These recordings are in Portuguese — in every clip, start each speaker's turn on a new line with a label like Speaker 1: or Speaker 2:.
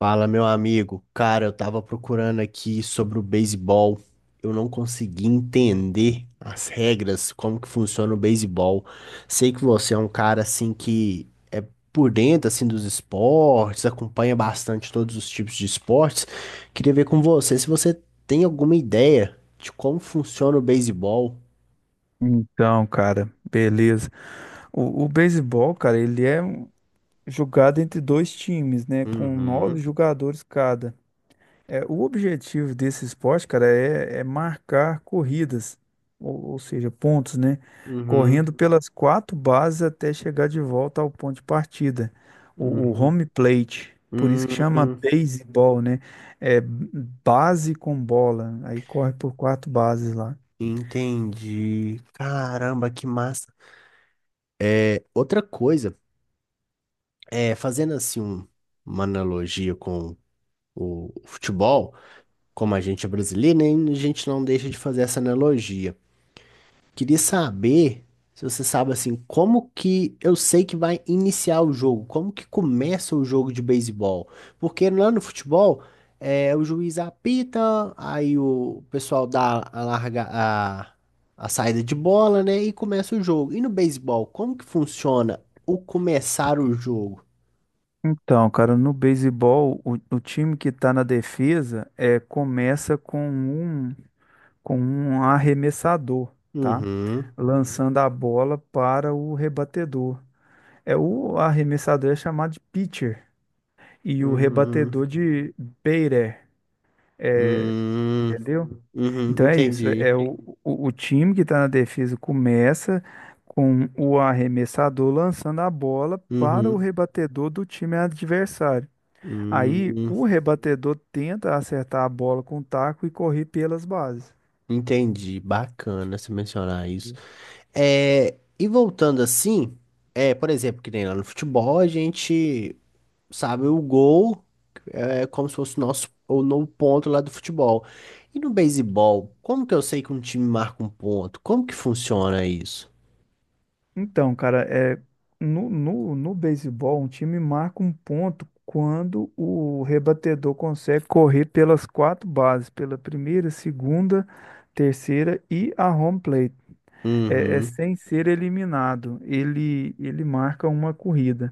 Speaker 1: Fala, meu amigo. Cara, eu tava procurando aqui sobre o beisebol. Eu não consegui entender as regras, como que funciona o beisebol. Sei que você é um cara assim que é por dentro assim dos esportes, acompanha bastante todos os tipos de esportes. Queria ver com você se você tem alguma ideia de como funciona o beisebol.
Speaker 2: Então, cara, beleza. O beisebol, cara, jogado entre dois times, né? Com
Speaker 1: Uhum,
Speaker 2: nove jogadores cada. O objetivo desse esporte, cara, é marcar corridas, ou seja, pontos, né?
Speaker 1: uhum,
Speaker 2: Correndo pelas quatro bases até chegar de volta ao ponto de partida. O
Speaker 1: uhum.
Speaker 2: home plate, por isso que chama
Speaker 1: Hum,
Speaker 2: baseball, né? É base com bola. Aí corre por quatro bases lá.
Speaker 1: entendi. Caramba, que massa. Outra coisa, fazendo assim um- uma analogia com o futebol, como a gente é brasileiro, né, a gente não deixa de fazer essa analogia. Queria saber se você sabe assim, como que eu sei que vai iniciar o jogo, como que começa o jogo de beisebol? Porque lá no futebol, o juiz apita, aí o pessoal dá a larga a saída de bola, né, e começa o jogo. E no beisebol, como que funciona o começar o jogo?
Speaker 2: Então, cara, no beisebol, o time que está na defesa começa com com um arremessador, tá? Uhum.
Speaker 1: Uhum.
Speaker 2: Lançando a bola para o rebatedor. É o arremessador é chamado de pitcher e o
Speaker 1: Hum,
Speaker 2: rebatedor de batter,
Speaker 1: hum,
Speaker 2: entendeu?
Speaker 1: uhum,
Speaker 2: Então é isso.
Speaker 1: entendi.
Speaker 2: É o time que está na defesa começa com o arremessador lançando a bola para o
Speaker 1: Uhum,
Speaker 2: rebatedor do time adversário. Aí
Speaker 1: hum,
Speaker 2: o rebatedor tenta acertar a bola com o taco e correr pelas bases.
Speaker 1: entendi. Bacana você mencionar isso. E voltando assim, por exemplo, que nem lá no futebol, a gente sabe o gol é como se fosse o nosso o novo ponto lá do futebol. E no beisebol, como que eu sei que um time marca um ponto? Como que funciona isso?
Speaker 2: Então, cara, no, no beisebol, um time marca um ponto quando o rebatedor consegue correr pelas quatro bases, pela primeira, segunda, terceira e a home plate. É
Speaker 1: Uhum.
Speaker 2: sem ser eliminado, ele marca uma corrida.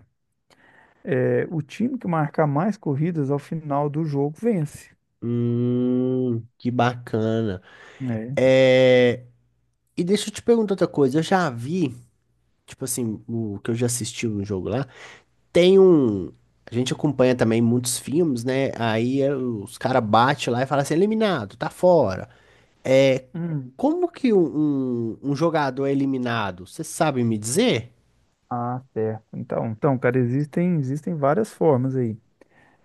Speaker 2: É, o time que marcar mais corridas ao final do jogo vence.
Speaker 1: Que bacana.
Speaker 2: É.
Speaker 1: É, e deixa eu te perguntar outra coisa. Eu já vi, tipo assim, o que eu já assisti no jogo lá, tem um. A gente acompanha também muitos filmes, né? Aí os caras batem lá e falam assim, eliminado, tá fora.
Speaker 2: Hum.
Speaker 1: Como que um jogador é eliminado? Você sabe me dizer?
Speaker 2: Ah, certo. Então, cara, existem várias formas aí.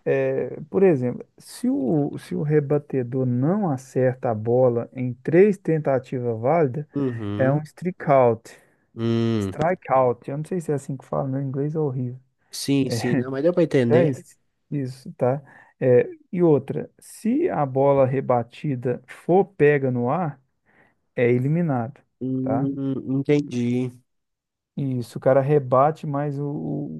Speaker 2: É, por exemplo, se o rebatedor não acerta a bola em três tentativas válidas, é um
Speaker 1: Uhum.
Speaker 2: strikeout.
Speaker 1: Hum,
Speaker 2: Strikeout. Eu não sei se é assim que fala, meu inglês é horrível.
Speaker 1: sim,
Speaker 2: É,
Speaker 1: sim, não, mas deu pra
Speaker 2: é
Speaker 1: entender.
Speaker 2: isso, isso, tá? É, e outra, se a bola rebatida for pega no ar, é eliminado, tá?
Speaker 1: Entendi.
Speaker 2: Isso, o cara rebate, mas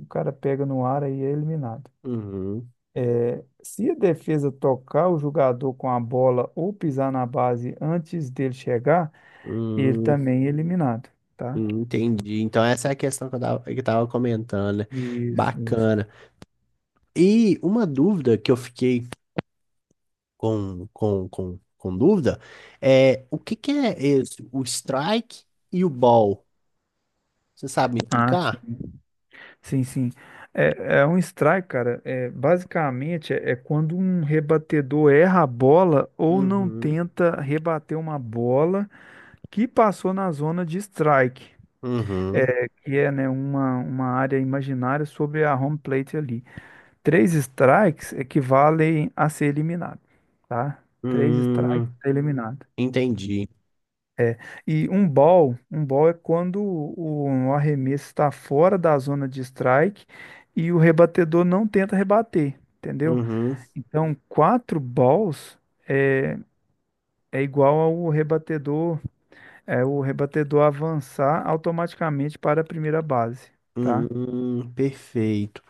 Speaker 2: o cara pega no ar aí é eliminado.
Speaker 1: Uhum.
Speaker 2: É, se a defesa tocar o jogador com a bola ou pisar na base antes dele chegar, ele
Speaker 1: Hum,
Speaker 2: também é eliminado, tá?
Speaker 1: entendi. Então essa é a questão que eu tava comentando, né?
Speaker 2: Isso, isso.
Speaker 1: Bacana. E uma dúvida que eu fiquei com dúvida, é, o que que é esse, o strike e o ball? Você sabe me
Speaker 2: Ah,
Speaker 1: explicar?
Speaker 2: sim, sim, sim. É, é um strike, cara. É, basicamente, é quando um rebatedor erra a bola ou não
Speaker 1: Uhum,
Speaker 2: tenta rebater uma bola que passou na zona de strike,
Speaker 1: uhum,
Speaker 2: é, que é, né, uma área imaginária sobre a home plate ali. Três strikes equivalem a ser eliminado, tá? Três strikes
Speaker 1: hum,
Speaker 2: tá eliminado.
Speaker 1: entendi.
Speaker 2: E um ball é quando o arremesso está fora da zona de strike e o rebatedor não tenta rebater, entendeu?
Speaker 1: Uhum,
Speaker 2: Então, quatro balls é, é igual ao rebatedor, é o rebatedor avançar automaticamente para a primeira base, tá?
Speaker 1: perfeito.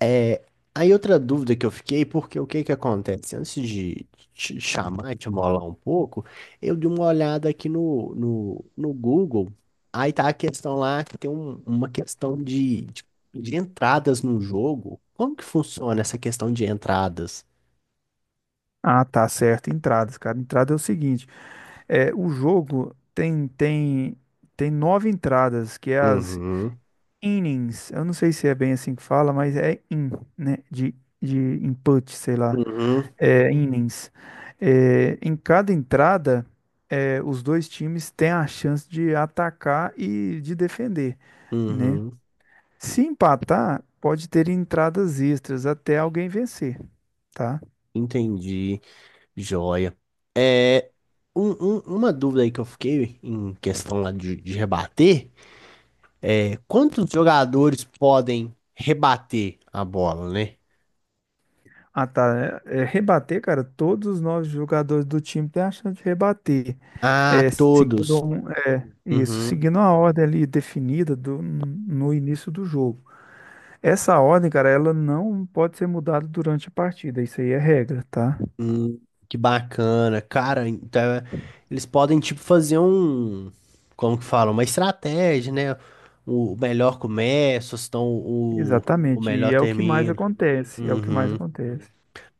Speaker 1: É, aí outra dúvida que eu fiquei, porque o que que acontece? Antes de te chamar, e te molar um pouco, eu dei uma olhada aqui no Google, aí tá a questão lá que tem um- uma questão de entradas no jogo. Como que funciona essa questão de entradas?
Speaker 2: Ah, tá certo. Entradas, cara. Entrada é o seguinte. É, o jogo tem nove entradas, que é as
Speaker 1: Uhum,
Speaker 2: innings. Eu não sei se é bem assim que fala, mas é in, né? De input, sei lá.
Speaker 1: uhum,
Speaker 2: É, innings. É, em cada entrada, é, os dois times têm a chance de atacar e de defender, né?
Speaker 1: uhum,
Speaker 2: Se empatar, pode ter entradas extras até alguém vencer, tá?
Speaker 1: entendi, joia. É, uma dúvida aí que eu fiquei em questão lá de rebater. Quantos jogadores podem rebater a bola, né?
Speaker 2: Ah, tá. Rebater, cara, todos os nove jogadores do time têm a chance de rebater.
Speaker 1: Ah,
Speaker 2: É,
Speaker 1: todos.
Speaker 2: isso,
Speaker 1: Uhum.
Speaker 2: seguindo a ordem ali definida no início do jogo. Essa ordem, cara, ela não pode ser mudada durante a partida. Isso aí é regra, tá?
Speaker 1: Hum, que bacana. Cara, então, é, eles podem, tipo, fazer um. Como que fala? Uma estratégia, né? O melhor começa, então o
Speaker 2: Exatamente. E
Speaker 1: melhor
Speaker 2: é o que mais
Speaker 1: termina.
Speaker 2: acontece. É o que mais
Speaker 1: Uhum.
Speaker 2: acontece.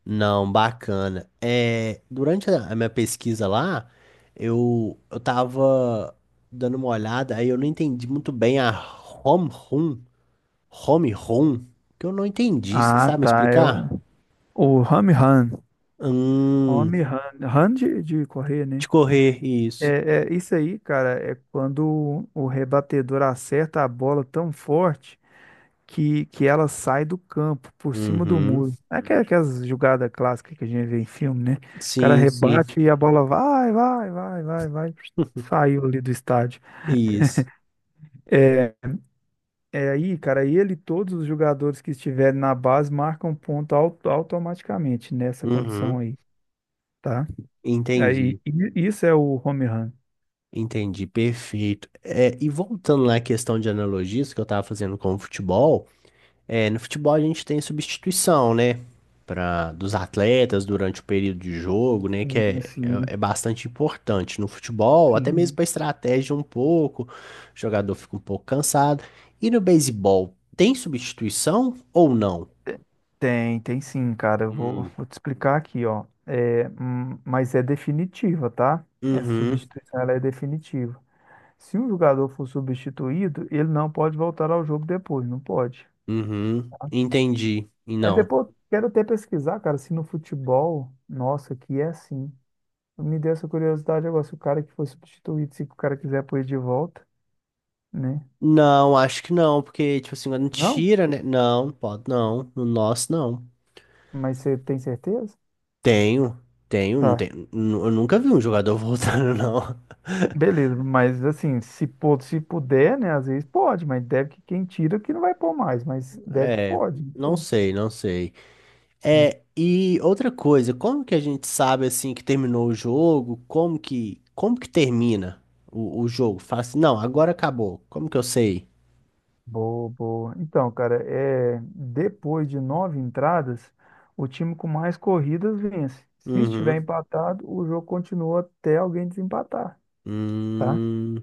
Speaker 1: Não, bacana. É, durante a minha pesquisa lá, eu tava dando uma olhada, aí eu não entendi muito bem a home run. Home Run? Que eu não entendi. Você
Speaker 2: Ah,
Speaker 1: sabe me
Speaker 2: tá. É
Speaker 1: explicar?
Speaker 2: o home run.
Speaker 1: Hum,
Speaker 2: Home run. Run de correr,
Speaker 1: de
Speaker 2: né?
Speaker 1: correr, isso.
Speaker 2: É, é, isso aí, cara, é quando o rebatedor acerta a bola tão forte. Que ela sai do campo, por cima do
Speaker 1: Uhum.
Speaker 2: muro. É aquelas jogadas clássicas que a gente vê em filme, né? O cara
Speaker 1: Sim, sim.
Speaker 2: rebate e a bola vai, vai, vai, vai, vai. Saiu ali do estádio.
Speaker 1: Isso.
Speaker 2: É, é aí, cara, ele e todos os jogadores que estiverem na base marcam ponto automaticamente nessa condição
Speaker 1: Uhum.
Speaker 2: aí, tá? Aí,
Speaker 1: Entendi.
Speaker 2: isso é o home run.
Speaker 1: Entendi. Perfeito. É, e voltando lá à questão de analogias que eu estava fazendo com o futebol. É, no futebol a gente tem substituição, né? Pra, dos atletas durante o período de jogo, né? Que
Speaker 2: Sim, sim,
Speaker 1: é bastante importante no futebol, até mesmo
Speaker 2: sim.
Speaker 1: para estratégia um pouco, o jogador fica um pouco cansado. E no beisebol, tem substituição ou não?
Speaker 2: Tem, tem sim, cara. Eu
Speaker 1: Hum.
Speaker 2: vou te explicar aqui, ó. É, mas é definitiva, tá? Essa
Speaker 1: Uhum,
Speaker 2: substituição ela é definitiva. Se um jogador for substituído, ele não pode voltar ao jogo depois, não pode.
Speaker 1: uhum, entendi. E
Speaker 2: É
Speaker 1: não.
Speaker 2: depois, quero até pesquisar, cara, se no futebol, nossa, que é assim. Me deu essa curiosidade agora, se o cara que foi substituído, se o cara quiser pôr ele de volta, né?
Speaker 1: Não, acho que não, porque, tipo assim, quando
Speaker 2: Não?
Speaker 1: tira, né? Não, pode não. No nosso, não.
Speaker 2: Mas você tem certeza?
Speaker 1: Tenho, tenho, não
Speaker 2: Tá.
Speaker 1: tenho. Nu- Eu nunca vi um jogador voltando, não.
Speaker 2: Beleza, mas assim, se, se puder, né? Às vezes pode, mas deve que quem tira que não vai pôr mais, mas deve que
Speaker 1: É,
Speaker 2: pode. Não
Speaker 1: não
Speaker 2: sei,
Speaker 1: sei, não sei.
Speaker 2: né?
Speaker 1: É, e outra coisa, como que a gente sabe assim que terminou o jogo? Como que termina o jogo? Fala assim, não, agora acabou. Como que eu sei?
Speaker 2: Boa, boa. Então, cara, é, depois de nove entradas, o time com mais corridas vence. Se estiver
Speaker 1: Uhum.
Speaker 2: empatado, o jogo continua até alguém desempatar, tá?
Speaker 1: Hum,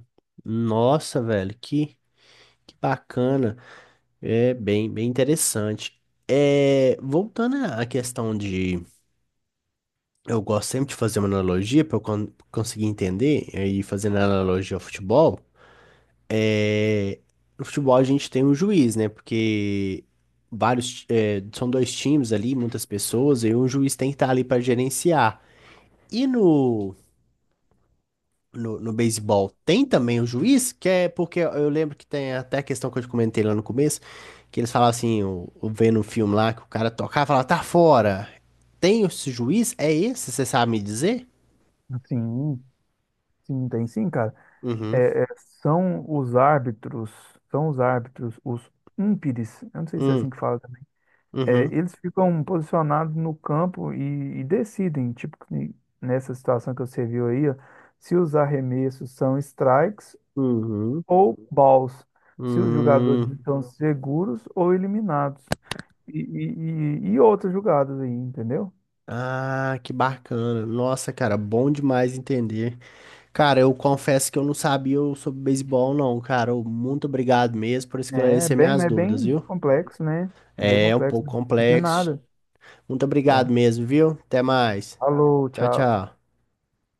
Speaker 1: nossa, velho, que bacana. É bem, bem interessante. É, voltando à questão de, eu gosto sempre de fazer uma analogia para eu con- conseguir entender é, e fazendo analogia ao futebol. No futebol a gente tem um juiz, né? Porque vários, é, são dois times ali, muitas pessoas, e um juiz tem que estar ali para gerenciar. E no beisebol tem também o juiz, que é porque eu lembro que tem até a questão que eu te comentei lá no começo, que eles falavam assim, eu vendo um filme lá que o cara tocava e falava, tá fora. Tem esse juiz? É esse? Você sabe me dizer?
Speaker 2: Sim, sim, tem sim, cara.
Speaker 1: Uhum.
Speaker 2: É, é, são os árbitros, são os árbitros, os umpires, eu não sei se é assim
Speaker 1: Hum.
Speaker 2: que fala. É,
Speaker 1: Uhum.
Speaker 2: eles ficam posicionados no campo e decidem, tipo, que nessa situação que você viu aí, ó, se os arremessos são strikes
Speaker 1: Uhum.
Speaker 2: ou balls, se os jogadores
Speaker 1: Uhum.
Speaker 2: estão seguros ou eliminados, e, e outras jogadas aí, entendeu?
Speaker 1: Ah, que bacana. Nossa, cara, bom demais entender. Cara, eu confesso que eu não sabia sobre beisebol, não, cara. Eu- muito obrigado mesmo por
Speaker 2: É
Speaker 1: esclarecer
Speaker 2: bem,
Speaker 1: minhas
Speaker 2: mas é
Speaker 1: dúvidas,
Speaker 2: bem
Speaker 1: viu?
Speaker 2: complexo, né? É bem
Speaker 1: É um
Speaker 2: complexo.
Speaker 1: pouco
Speaker 2: De
Speaker 1: complexo.
Speaker 2: nada,
Speaker 1: Muito obrigado
Speaker 2: tá?
Speaker 1: mesmo, viu? Até mais.
Speaker 2: Falou,
Speaker 1: Tchau,
Speaker 2: tchau.
Speaker 1: tchau.